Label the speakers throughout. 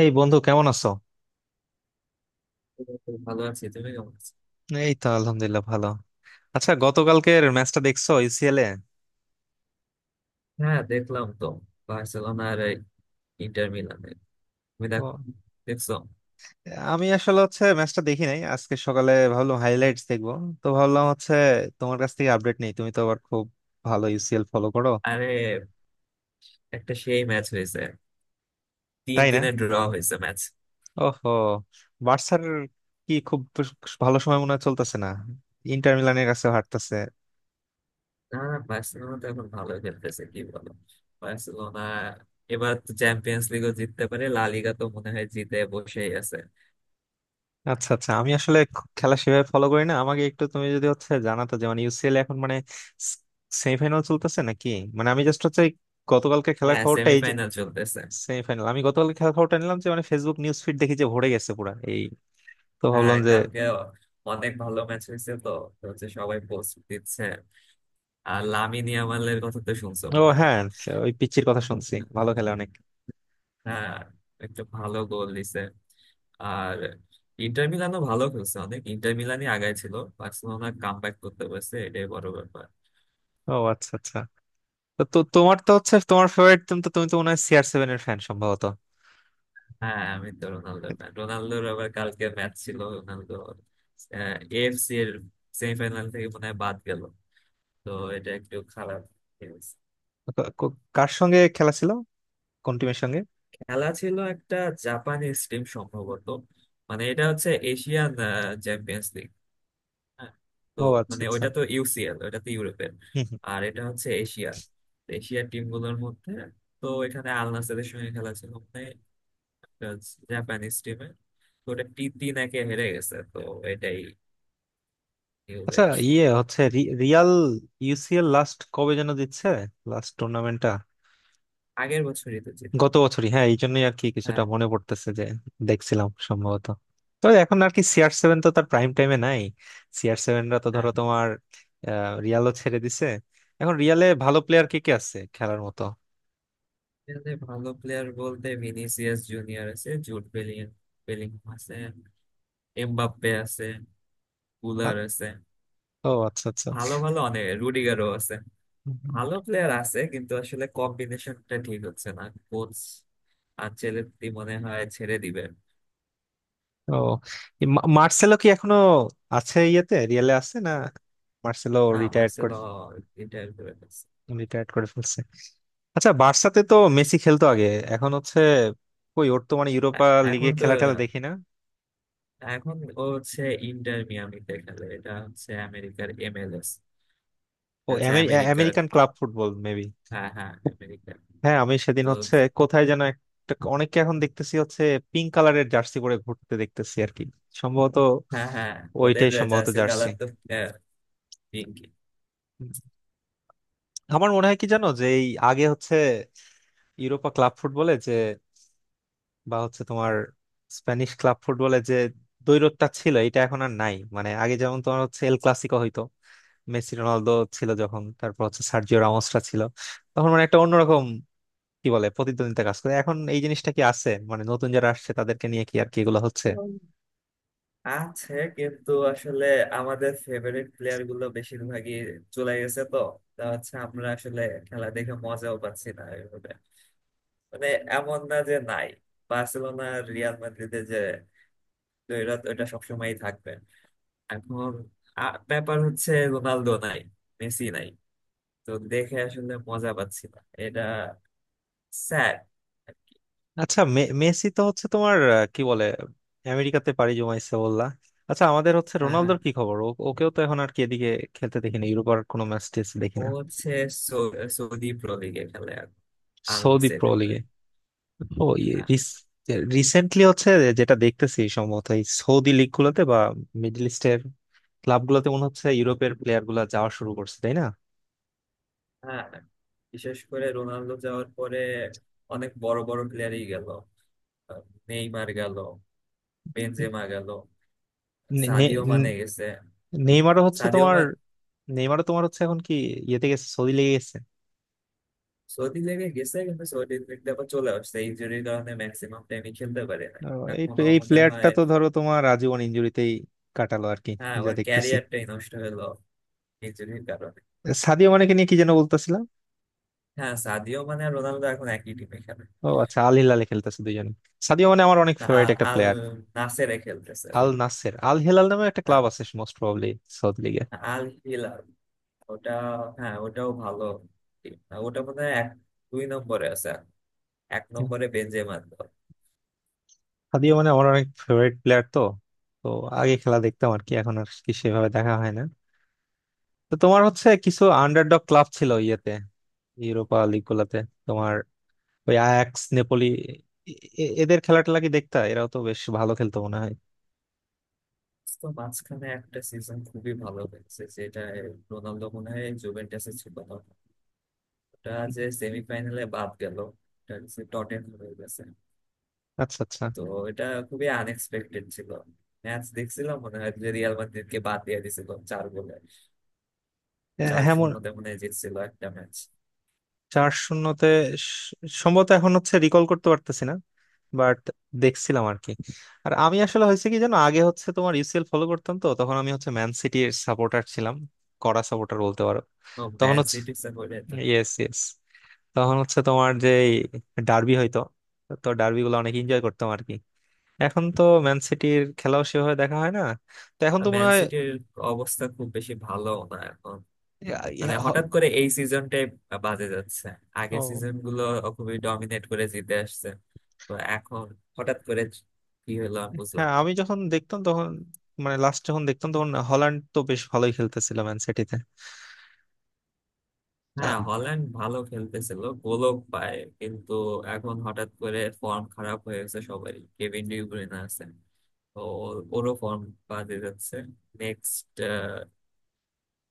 Speaker 1: এই বন্ধু কেমন আছো?
Speaker 2: এই তো ভালো আছি। তুমি কেমন আছো?
Speaker 1: এই তো আলহামদুলিল্লাহ ভালো। আচ্ছা, গতকালকের ম্যাচটা দেখছো ইউসিএল এ?
Speaker 2: হ্যাঁ, দেখলাম তো। বার্সেলোনা আর ইন্টার মিলানের। তুমি দেখো,
Speaker 1: ও,
Speaker 2: দেখছো?
Speaker 1: আমি আসলে ম্যাচটা দেখি নাই। আজকে সকালে ভাবলাম হাইলাইটস দেখবো। তো ভাবলাম তোমার কাছ থেকে আপডেট নেই, তুমি তো আবার খুব ভালো ইউসিএল ফলো করো।
Speaker 2: আরে, একটা সেই ম্যাচ হয়েছে। তিন
Speaker 1: তাই না?
Speaker 2: তিনে ড্র হয়েছে ম্যাচ।
Speaker 1: ওহো, বার্সার কি খুব ভালো সময় মনে হয় চলতেছে না, ইন্টার মিলানের কাছে হারতেছে।
Speaker 2: না না, বার্সেলোনা তো এখন ভালো খেলতেছে, কি বলো? বার্সেলোনা এবার তো চ্যাম্পিয়ন্স লিগও জিততে পারে, লা লিগা তো মনে হয় জিতে বসেই আছে।
Speaker 1: আচ্ছা আচ্ছা, আমি আসলে খেলা সেভাবে ফলো করি না। আমাকে একটু তুমি যদি জানাতো যে মানে ইউসিএল এখন মানে সেমিফাইনাল চলতেছে নাকি? মানে আমি জাস্ট এই গতকালকে খেলার
Speaker 2: হ্যাঁ,
Speaker 1: খবরটা এই যে
Speaker 2: সেমিফাইনাল চলতেছে।
Speaker 1: সেমিফাইনাল, আমি গতকালকে খেলার খবরটা নিলাম যে মানে ফেসবুক নিউজ ফিড দেখি যে ভরে গেছে পুরা এই। তো
Speaker 2: হ্যাঁ,
Speaker 1: ভাবলাম যে
Speaker 2: কালকে অনেক ভালো ম্যাচ হয়েছে তো। তো হচ্ছে সবাই পোস্ট দিচ্ছে। আর লামিন ইয়ামালের কথা তো শুনছো
Speaker 1: ও
Speaker 2: মনে হয়।
Speaker 1: হ্যাঁ, ওই পিচ্চির কথা শুনছি, ভালো খেলে অনেক।
Speaker 2: হ্যাঁ, একটা ভালো গোল দিছে। আর ইন্টার মিলানও ভালো খেলছে অনেক। ইন্টার মিলানই আগায় ছিল, বার্সেলোনা কাম ব্যাক করতে পারছে, এটাই বড় ব্যাপার।
Speaker 1: ও আচ্ছা আচ্ছা। তো তো তোমার তো তোমার ফেভারিট টিম, তো তুমি তো মনে হয় সিআর সেভেন এর ফ্যান সম্ভবত।
Speaker 2: হ্যাঁ, আমি তো রোনালদো ফ্যান। রোনালদোর আবার কালকে ম্যাচ ছিল। রোনালদো এএফসি এর সেমিফাইনাল থেকে মনে হয় বাদ গেল। তো এটা একটু খারাপ news।
Speaker 1: কার সঙ্গে খেলা ছিল? কোন টিমের সঙ্গে?
Speaker 2: খেলা ছিল একটা জাপানিজ টিম সম্ভবত। মানে এটা হচ্ছে এশিয়ান চ্যাম্পিয়ন্স। হ্যাঁ। তো
Speaker 1: ও আচ্ছা
Speaker 2: মানে
Speaker 1: আচ্ছা।
Speaker 2: ওইটা তো ইউসিএল, ওইটা তো ইউরোপের। আর এটা হচ্ছে এশিয়ার। তো এশিয়ার টিম গুলোর মধ্যে, তো এখানে আল নাসেরের সঙ্গে খেলা ছিল, মানে জাপানিজ টিমে। তো ওটা 3-1-এ হেরে গেছে তো। এটাই নিউজ
Speaker 1: আচ্ছা
Speaker 2: আর কি।
Speaker 1: ইয়ে হচ্ছে রিয়াল ইউসিএল লাস্ট কবে যেন দিচ্ছে, লাস্ট টুর্নামেন্টটা?
Speaker 2: আগের বছরই তো জিতলো।
Speaker 1: গত বছরই, হ্যাঁ, এই জন্যই আর কি কিছুটা
Speaker 2: হ্যাঁ।
Speaker 1: মনে পড়তেছে যে দেখছিলাম সম্ভবত। তো এখন আর কি সিআর সেভেন তো তার প্রাইম টাইমে নাই। সিআর সেভেনরা তো ধরো
Speaker 2: আর
Speaker 1: তোমার রিয়ালও ছেড়ে দিছে। এখন রিয়ালে ভালো প্লেয়ার কে কে আছে খেলার মতো?
Speaker 2: এখানে ভালো প্লেয়ার বলতে ভিনিসিয়াস জুনিয়র আছে, জুড বেলিং, বেলিংহাম আছে, এমবাপ্পে আছে,
Speaker 1: আ-
Speaker 2: কুলার আছে,
Speaker 1: ও আচ্ছা আচ্ছা।
Speaker 2: ভালো ভালো অনেক, রুডিগারও আছে।
Speaker 1: হুম।
Speaker 2: ভালো প্লেয়ার আছে কিন্তু আসলে কম্বিনেশনটা ঠিক হচ্ছে না। কোচ আনচেলত্তি মনে হয় ছেড়ে দিবেন।
Speaker 1: ও এই মার্সেলো কি এখনো আছে ইয়েতে, রিয়ালে আছে না? মার্সেলো
Speaker 2: না,
Speaker 1: রিটায়ার্ড,
Speaker 2: মার্সেলো ইন্টার করে ফেলছে।
Speaker 1: রিটায়ার্ড করে ফেলছে? আচ্ছা, বার্সাতে তো মেসি খেলতো আগে, এখন হচ্ছে কই? ওর তো মানে
Speaker 2: এ-
Speaker 1: ইউরোপা লিগে
Speaker 2: এখন তো,
Speaker 1: খেলা টেলা দেখি না।
Speaker 2: এখন ও হচ্ছে ইন্টার মিয়ামিতে খেলে, এটা হচ্ছে আমেরিকার এমএলএস। এটা
Speaker 1: ও
Speaker 2: হচ্ছে আমেরিকার।
Speaker 1: American club football maybe.
Speaker 2: হ্যাঁ হ্যাঁ, আমেরিকার।
Speaker 1: হ্যাঁ, আমি সেদিন
Speaker 2: তো
Speaker 1: কোথায় যেন একটা অনেককে এখন দেখতেছি পিঙ্ক কালারের জার্সি পরে ঘুরতে দেখতেছি আর কি, সম্ভবত
Speaker 2: হ্যাঁ হ্যাঁ, ওদের
Speaker 1: ওইটাই সম্ভবত
Speaker 2: জার্সির
Speaker 1: জার্সি।
Speaker 2: কালার তো আহ, পিঙ্কি।
Speaker 1: আমার মনে হয় কি জানো, যে এই আগে ইউরোপা ক্লাব ফুটবলে যে বা তোমার স্প্যানিশ ক্লাব ফুটবলে যে দ্বৈরথটা ছিল এটা এখন আর নাই। মানে আগে যেমন তোমার এল ক্লাসিকো হইতো, মেসি রোনালদো ছিল যখন, তারপর সার্জিও রামোসরা ছিল তখন, মানে একটা অন্যরকম কি বলে প্রতিদ্বন্দ্বিতা কাজ করে, এখন এই জিনিসটা কি আছে মানে নতুন যারা আসছে তাদেরকে নিয়ে কি আর কি এগুলো হচ্ছে?
Speaker 2: আছে কিন্তু আসলে আমাদের ফেভারিট প্লেয়ার গুলো বেশিরভাগই চলে গেছে তো। তা হচ্ছে আমরা আসলে খেলা দেখে মজাও পাচ্ছি না ওইভাবে। মানে এমন না যে নাই। বার্সেলোনা আর রিয়াল মাদ্রিদে যে দ্বৈরথ, ওইটা সবসময়ই থাকবে। এখন ব্যাপার হচ্ছে রোনালদো নাই, মেসি নাই। তো দেখে আসলে মজা পাচ্ছি না। এটা স্যাড।
Speaker 1: আচ্ছা, মেসি তো তোমার কি বলে আমেরিকাতে পাড়ি জমাইছে বললা। আচ্ছা, আমাদের
Speaker 2: হ্যাঁ হ্যাঁ।
Speaker 1: রোনালদোর কি খবর? ওকেও তো এখন আর কি এদিকে খেলতে দেখিনি, ইউরোপার কোনো ম্যাচ দেখি
Speaker 2: ও
Speaker 1: না।
Speaker 2: হচ্ছে সৌদি প্রো লিগে খেলে, আর আল
Speaker 1: সৌদি প্রো
Speaker 2: নাসেরের হয়ে।
Speaker 1: লিগে? ও,
Speaker 2: হ্যাঁ
Speaker 1: রিসেন্টলি যেটা দেখতেছি সম্ভবত এই সৌদি লিগ গুলোতে বা মিডল ইস্টের ক্লাব গুলোতে মনে হচ্ছে ইউরোপের প্লেয়ার গুলা যাওয়া শুরু করছে, তাই না?
Speaker 2: হ্যাঁ। বিশেষ করে রোনালদো যাওয়ার পরে অনেক বড় বড় প্লেয়ারই গেল। আহ, নেইমার গেল, বেনজেমা গেল,
Speaker 1: নে- নে-
Speaker 2: সাদিও
Speaker 1: নে-
Speaker 2: মানে গেছে,
Speaker 1: নেইমারও
Speaker 2: সাদিও
Speaker 1: তোমার,
Speaker 2: মান
Speaker 1: নেইমারও তোমার এখন কি ইয়েতে গেছে, সৌদি লেগে গেছে।
Speaker 2: সৌদি লেগে গেছে, কিন্তু সৌদি লিগে আবার চলে আসছে, ইনজুরির কারণে ম্যাক্সিমাম টাইমই খেলতে পারে না
Speaker 1: এই
Speaker 2: এখনো
Speaker 1: এই
Speaker 2: মনে
Speaker 1: প্লেয়ারটা
Speaker 2: হয়।
Speaker 1: তো ধরো তোমার আজীবন ইনজুরিতেই কাটালো আর কি,
Speaker 2: হ্যাঁ,
Speaker 1: যা
Speaker 2: ওর
Speaker 1: দেখতেছি।
Speaker 2: ক্যারিয়ারটাই নষ্ট হলো ইনজুরির কারণে।
Speaker 1: সাদিও মানেকে নিয়ে কি যেন বলতেছিলাম।
Speaker 2: হ্যাঁ, সাদিও মানে আর রোনালদো এখন একই টিমে খেলে।
Speaker 1: ও আচ্ছা, আল হিলালে খেলতেছে দুইজনে? সাদিও মানে আমার অনেক
Speaker 2: না,
Speaker 1: ফেভারিট
Speaker 2: আল
Speaker 1: একটা
Speaker 2: আল
Speaker 1: প্লেয়ার।
Speaker 2: নাসেরে খেলতেছে।
Speaker 1: আল নাসের আল হিলাল নামে একটা
Speaker 2: হ্যাঁ,
Speaker 1: ক্লাব আছে মোস্ট প্রবাবলি সৌদি লিগে।
Speaker 2: Al Hilal. ওটা, হ্যাঁ ওটাও ভালো team না। ওটা মনে হয় এক দুই নম্বরে আছে, এক নম্বরে বেনজেমার।
Speaker 1: সাদিও মানে আমার অনেক ফেভারিট প্লেয়ার তো, তো আগে খেলা দেখতাম আর কি, এখন আর কি সেভাবে দেখা হয় না। তো তোমার কিছু আন্ডারডগ ক্লাব ছিল ইয়েতে ইউরোপা লিগ গুলাতে, তোমার ওই আয়াক্স নেপোলি, এ- এদের খেলা টেলা কি দেখতা? এরাও তো বেশ ভালো খেলতো মনে হয়।
Speaker 2: তো মাঝখানে একটা সিজন খুবই ভালো হয়েছে যেটা, রোনালদো মনে হয় জুভেন্টাসে ছিল না ওটা, যে সেমিফাইনালে বাদ গেল। ওটা হচ্ছে টটেনহাম হয়ে গেছে।
Speaker 1: আচ্ছা আচ্ছা।
Speaker 2: তো এটা খুবই আনএক্সপেক্টেড ছিল। ম্যাচ দেখছিলাম মনে হয় যে রিয়াল মাদ্রিদকে বাদ দিয়ে দিয়েছিল 4 গোলে।
Speaker 1: এ,
Speaker 2: চার
Speaker 1: হ্যাঁ
Speaker 2: শূন্যতে মনে হয় জিতছিল একটা ম্যাচ।
Speaker 1: চার শূন্যতে? স- সম্ভবত, এখন রিকল করতে পারতেছি না, বাট দেখছিলাম আর কি। আর আমি আসলে হয়েছে কি জানো, আগে তোমার ইউসিএল ফলো করতাম, তো তখন আমি ম্যান সিটির সাপোর্টার ছিলাম, কড়া সাপোর্টার বলতে পারো।
Speaker 2: ও,
Speaker 1: তখন
Speaker 2: ম্যান
Speaker 1: হচ্ছে,
Speaker 2: সিটির সাপোর্টার তো।
Speaker 1: ইয়েস ইয়েস, তখন তোমার যে ডার্বি হইতো, তো ডার্বি গুলো অনেক এনজয় করতাম আর কি। এখন তো ম্যান সিটির খেলাও সেভাবে দেখা হয় না। তো এখন তো মনে
Speaker 2: ম্যান
Speaker 1: হয়
Speaker 2: সিটির অবস্থা খুব বেশি ভালো না এখন।
Speaker 1: ইয়া- ইয়া
Speaker 2: মানে
Speaker 1: হ-
Speaker 2: হঠাৎ করে এই সিজনটাই বাজে যাচ্ছে, আগের
Speaker 1: ও
Speaker 2: সিজন গুলো খুবই ডমিনেট করে জিতে আসছে। তো এখন হঠাৎ করে কি হলো আমি বুঝলাম
Speaker 1: হ্যাঁ,
Speaker 2: না।
Speaker 1: আমি যখন দেখতাম তখন মানে লাস্ট যখন দেখতাম তখন হল্যান্ড তো বেশ ভালোই খেলতেছিল ম্যান সিটিতে।
Speaker 2: হ্যাঁ, হল্যান্ড ভালো খেলতেছিল, গোলও পায়, কিন্তু এখন হঠাৎ করে ফর্ম খারাপ হয়ে গেছে সবারই। কেভিন ডি ব্রুইনে আছে, তো ওরও ফর্ম বাজে যাচ্ছে। নেক্সট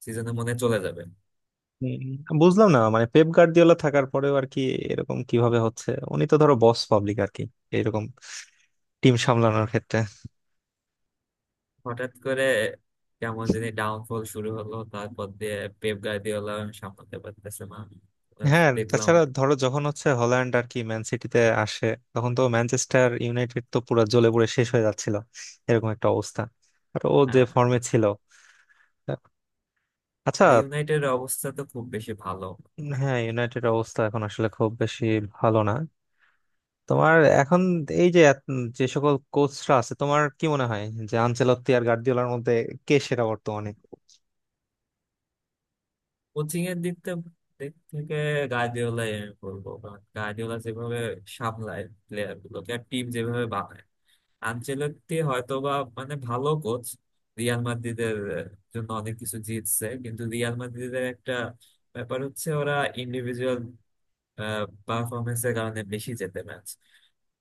Speaker 2: সিজনে মনে হয় চলে যাবে।
Speaker 1: হুম, বুঝলাম না মানে পেপ গার্দিওলা থাকার পরেও আর কি এরকম কিভাবে হচ্ছে। উনি তো ধরো বস পাবলিক আর কি এরকম টিম সামলানোর ক্ষেত্রে।
Speaker 2: হঠাৎ করে কেমন জানি ডাউনফল শুরু হলো, তারপর দিয়ে পেপ গার্দিওলা সামলাতে পারতেছে না।
Speaker 1: হ্যাঁ,
Speaker 2: দেখলাম।
Speaker 1: তাছাড়া ধরো যখন হল্যান্ড আর কি ম্যান সিটিতে আসে, তখন তো ম্যানচেস্টার ইউনাইটেড তো পুরো জ্বলে পুড়ে শেষ হয়ে যাচ্ছিল এরকম একটা অবস্থা, আর ও যে
Speaker 2: আহ,
Speaker 1: ফর্মে ছিল। আচ্ছা।
Speaker 2: ইউনাইটেড এর অবস্থা তো খুব বেশি ভালো।
Speaker 1: উম, হ্যাঁ ইউনাইটেড অবস্থা এখন আসলে খুব বেশি ভালো না। তোমার এখন এই যে যে সকল কোচরা আছে, তোমার কি মনে হয় যে আনচেলত্তি আর গার্দিওলার মধ্যে কে সেরা বর্তমানে?
Speaker 2: কোচিং এর দিক থেকে, দিক থেকে গার্দিওলাই আমি বলবো, কারণ গার্দিওলা যেভাবে সামলায় প্লেয়ার গুলোকে আর টিম যেভাবে বানায়। আনচেলত্তি হয়তো বা, মানে ভালো কোচ, রিয়াল মাদ্রিদের জন্য অনেক কিছু জিতছে, কিন্তু রিয়াল মাদ্রিদের একটা ব্যাপার হচ্ছে ওরা ইন্ডিভিজুয়াল পারফরমেন্সের কারণে বেশি জেতে ম্যাচ,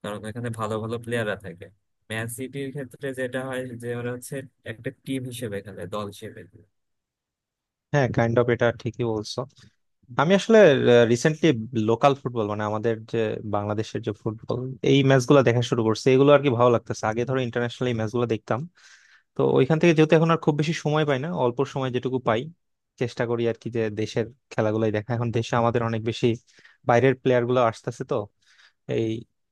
Speaker 2: কারণ এখানে ভালো ভালো প্লেয়াররা থাকে। ম্যান সিটির ক্ষেত্রে যেটা হয় যে ওরা হচ্ছে একটা টিম হিসেবে খেলে, দল হিসেবে।
Speaker 1: হ্যাঁ, কাইন্ড অফ এটা ঠিকই বলছো। আমি আসলে রিসেন্টলি লোকাল ফুটবল মানে আমাদের যে বাংলাদেশের যে ফুটবল, এই ম্যাচগুলো দেখা শুরু করছে, এগুলো আর কি ভালো লাগতেছে। আগে ধরো ইন্টারন্যাশনাল এই ম্যাচগুলো দেখতাম, তো ওইখান থেকে যেহেতু এখন আর খুব বেশি সময় পাই না, অল্প সময় যেটুকু পাই চেষ্টা করি আর কি যে দেশের খেলাগুলোই দেখা। এখন দেশে আমাদের অনেক বেশি বাইরের প্লেয়ার গুলো আসতেছে, তো এই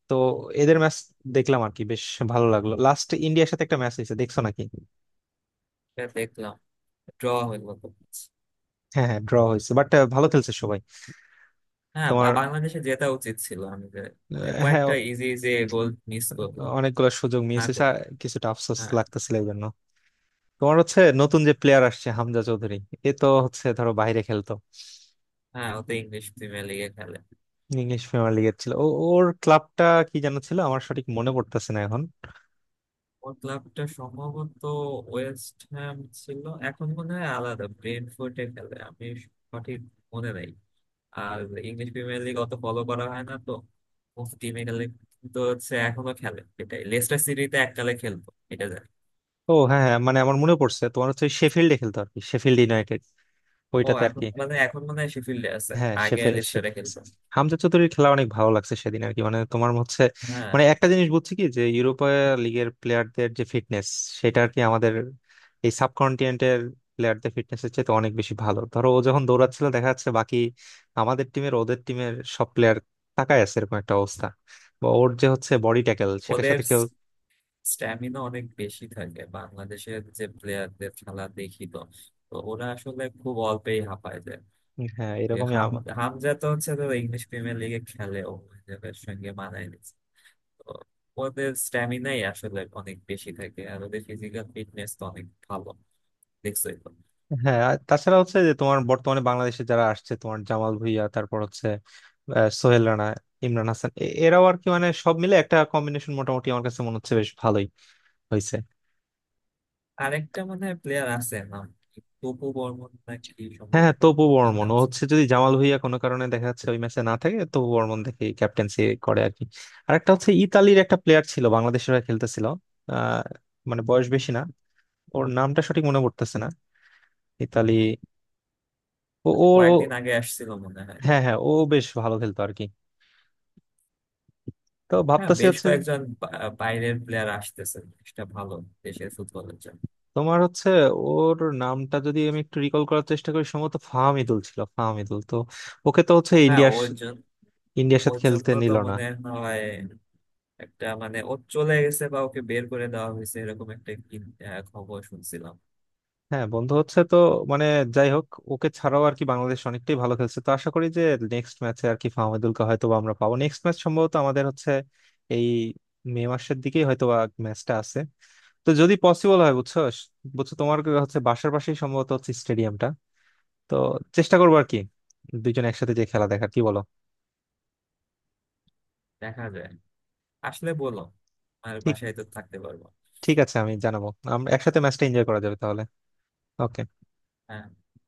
Speaker 1: তো এদের ম্যাচ দেখলাম আর কি, বেশ ভালো লাগলো। লাস্ট ইন্ডিয়ার সাথে একটা ম্যাচ হয়েছে, দেখছো নাকি?
Speaker 2: এটা দেখলাম, ড্র হইলো তো।
Speaker 1: হ্যাঁ হ্যাঁ, ড্র হয়েছে, বাট ভালো খেলছে সবাই।
Speaker 2: হ্যাঁ,
Speaker 1: তোমার
Speaker 2: বাংলাদেশে জেতা উচিত ছিল আমি। যে মানে
Speaker 1: হ্যাঁ,
Speaker 2: কয়েকটা ইজি ইজি গোল মিস করলো,
Speaker 1: অনেকগুলো সুযোগ মিস
Speaker 2: না
Speaker 1: হয়েছে,
Speaker 2: করলো।
Speaker 1: আর কিছুটা আফসোস
Speaker 2: হ্যাঁ
Speaker 1: লাগতেছিল এই জন্য। তোমার নতুন যে প্লেয়ার আসছে হামজা চৌধুরী, এ তো ধরো বাইরে খেলতো,
Speaker 2: হ্যাঁ, ওতে ইংলিশ প্রিমিয়ার লিগে খেলে।
Speaker 1: ইংলিশ প্রিমিয়ার লিগের ছিল ও। ওর ক্লাবটা কি জানো ছিল? আমার সঠিক মনে পড়তেছে না এখন।
Speaker 2: ওর ক্লাবটা সম্ভবত ওয়েস্ট হ্যাম ছিল। এখন মনে হয় আলাদা ব্রেন্টফোর্ডে খেলে, আমি সঠিক মনে নাই। আর ইংলিশ প্রিমিয়ার লিগ অত ফলো করা হয় না তো। টিমে খেলে, তো হচ্ছে এখনো খেলে এটাই, লেস্টার সিটিতে এককালে খেলতো এটা জানি।
Speaker 1: ও হ্যাঁ হ্যাঁ, মানে আমার মনে পড়ছে তোমার শেফিল্ডে খেলতো আর কি, শেফিল্ড ইউনাইটেড
Speaker 2: ও,
Speaker 1: ওইটাতে আর
Speaker 2: এখন
Speaker 1: কি।
Speaker 2: মানে এখন মনে হয় শেফিল্ডে আছে,
Speaker 1: হ্যাঁ,
Speaker 2: আগে
Speaker 1: শেফ।
Speaker 2: লেস্টারে খেলতো।
Speaker 1: হামজা চৌধুরীর খেলা অনেক ভালো লাগছে সেদিন আর কি, মানে তোমার হচ্ছে,
Speaker 2: হ্যাঁ,
Speaker 1: মানে একটা জিনিস বুঝছি কি, যে ইউরোপা লিগের প্লেয়ারদের যে ফিটনেস, সেটা আর কি আমাদের এই সাবকন্টিনেন্টের প্লেয়ারদের ফিটনেস এর চেয়ে অনেক বেশি ভালো। ধরো ও যখন দৌড়াচ্ছিল দেখা যাচ্ছে বাকি আমাদের টিমের ওদের টিমের সব প্লেয়ার তাকায় আছে এরকম একটা অবস্থা, বা ওর যে বডি ট্যাকেল সেটার
Speaker 2: ওদের
Speaker 1: সাথে কেউ।
Speaker 2: স্ট্যামিনা অনেক বেশি থাকে। বাংলাদেশের যে প্লেয়ারদের খেলা দেখি তো, তো ওরা আসলে খুব অল্পেই হাঁপায় যায়।
Speaker 1: হ্যাঁ,
Speaker 2: যে
Speaker 1: এরকমই।
Speaker 2: হাম হামজা তো হচ্ছে তো ইংলিশ প্রিমিয়ার লিগে খেলে, ও হিসেবের সঙ্গে মানায় নিচ্ছে। তো ওদের স্ট্যামিনাই আসলে অনেক বেশি থাকে, আর ওদের ফিজিক্যাল ফিটনেস তো অনেক ভালো, দেখছোই তো।
Speaker 1: হ্যাঁ আর তাছাড়া যে তোমার বর্তমানে বাংলাদেশে যারা আসছে, তোমার জামাল ভুঁইয়া, তারপর সোহেল রানা, ইমরান হাসান, এরাও আর কি মানে সব মিলে একটা কম্বিনেশন মোটামুটি আমার কাছে মনে হচ্ছে বেশ ভালোই হয়েছে।
Speaker 2: আরেকটা মনে হয় প্লেয়ার আছে, নাম কি? তপু বর্মন নাকি
Speaker 1: হ্যাঁ হ্যাঁ,
Speaker 2: সম্ভবত।
Speaker 1: তপু
Speaker 2: কি
Speaker 1: বর্মন,
Speaker 2: নাম
Speaker 1: ও
Speaker 2: ছিল?
Speaker 1: হচ্ছে যদি জামাল ভুঁইয়া কোনো কারণে দেখা যাচ্ছে ওই ম্যাচে না থাকে, তপু বর্মন দেখে ক্যাপ্টেন্সি করে আর কি। আর একটা হচ্ছে ইতালির একটা প্লেয়ার ছিল বাংলাদেশের হয়ে খেলতেছিল, আহ মানে বয়স বেশি না, ওর নামটা সঠিক মনে পড়তেছে না। ইতালি ও ও ও-
Speaker 2: কয়েকদিন আগে আসছিল মনে হয়।
Speaker 1: হ্যাঁ হ্যাঁ, ও বেশ ভালো খেলতো আর কি। তো
Speaker 2: হ্যাঁ,
Speaker 1: ভাবতেছি
Speaker 2: বেশ
Speaker 1: হচ্ছে,
Speaker 2: কয়েকজন বাইরের প্লেয়ার আসতেছে। এটা ভালো দেশের ফুটবলের জন্য।
Speaker 1: তোমার হচ্ছে, ওর নামটা যদি আমি একটু রিকল করার চেষ্টা করি সম্ভবত ফাহামিদুল ছিল, ফাহামিদুল তো। ওকে তো হচ্ছে
Speaker 2: হ্যাঁ,
Speaker 1: ইন্ডিয়ার
Speaker 2: ওর জন্য।
Speaker 1: ইন্ডিয়ার সাথে
Speaker 2: ওর
Speaker 1: খেলতে
Speaker 2: জন্য তো
Speaker 1: নিল না।
Speaker 2: মনে হয় একটা মানে, ও চলে গেছে বা ওকে বের করে দেওয়া হয়েছে এরকম একটা কি খবর শুনছিলাম।
Speaker 1: হ্যাঁ, বন্ধু হচ্ছে তো, মানে যাই হোক, ওকে ছাড়াও আর কি বাংলাদেশ অনেকটাই ভালো খেলছে, তো আশা করি যে নেক্সট ম্যাচে আর কি ফাহামিদুলকে হয়তো বা আমরা পাবো। নেক্সট ম্যাচ সম্ভবত আমাদের এই মে মাসের দিকেই হয়তো বা ম্যাচটা আছে। তো যদি পসিবল হয়, বুঝছো বুঝছো তোমার বাসার পাশেই সম্ভবত স্টেডিয়ামটা, তো চেষ্টা করবো আর কি, দুইজন একসাথে যে খেলা দেখার, কি বলো?
Speaker 2: দেখা যায় আসলে বলো। আর
Speaker 1: ঠিক
Speaker 2: বাসায় তো থাকতে পারবো।
Speaker 1: ঠিক আছে, আমি জানাবো, আমরা একসাথে ম্যাচটা এনজয় করা যাবে তাহলে। ওকে।
Speaker 2: হ্যাঁ।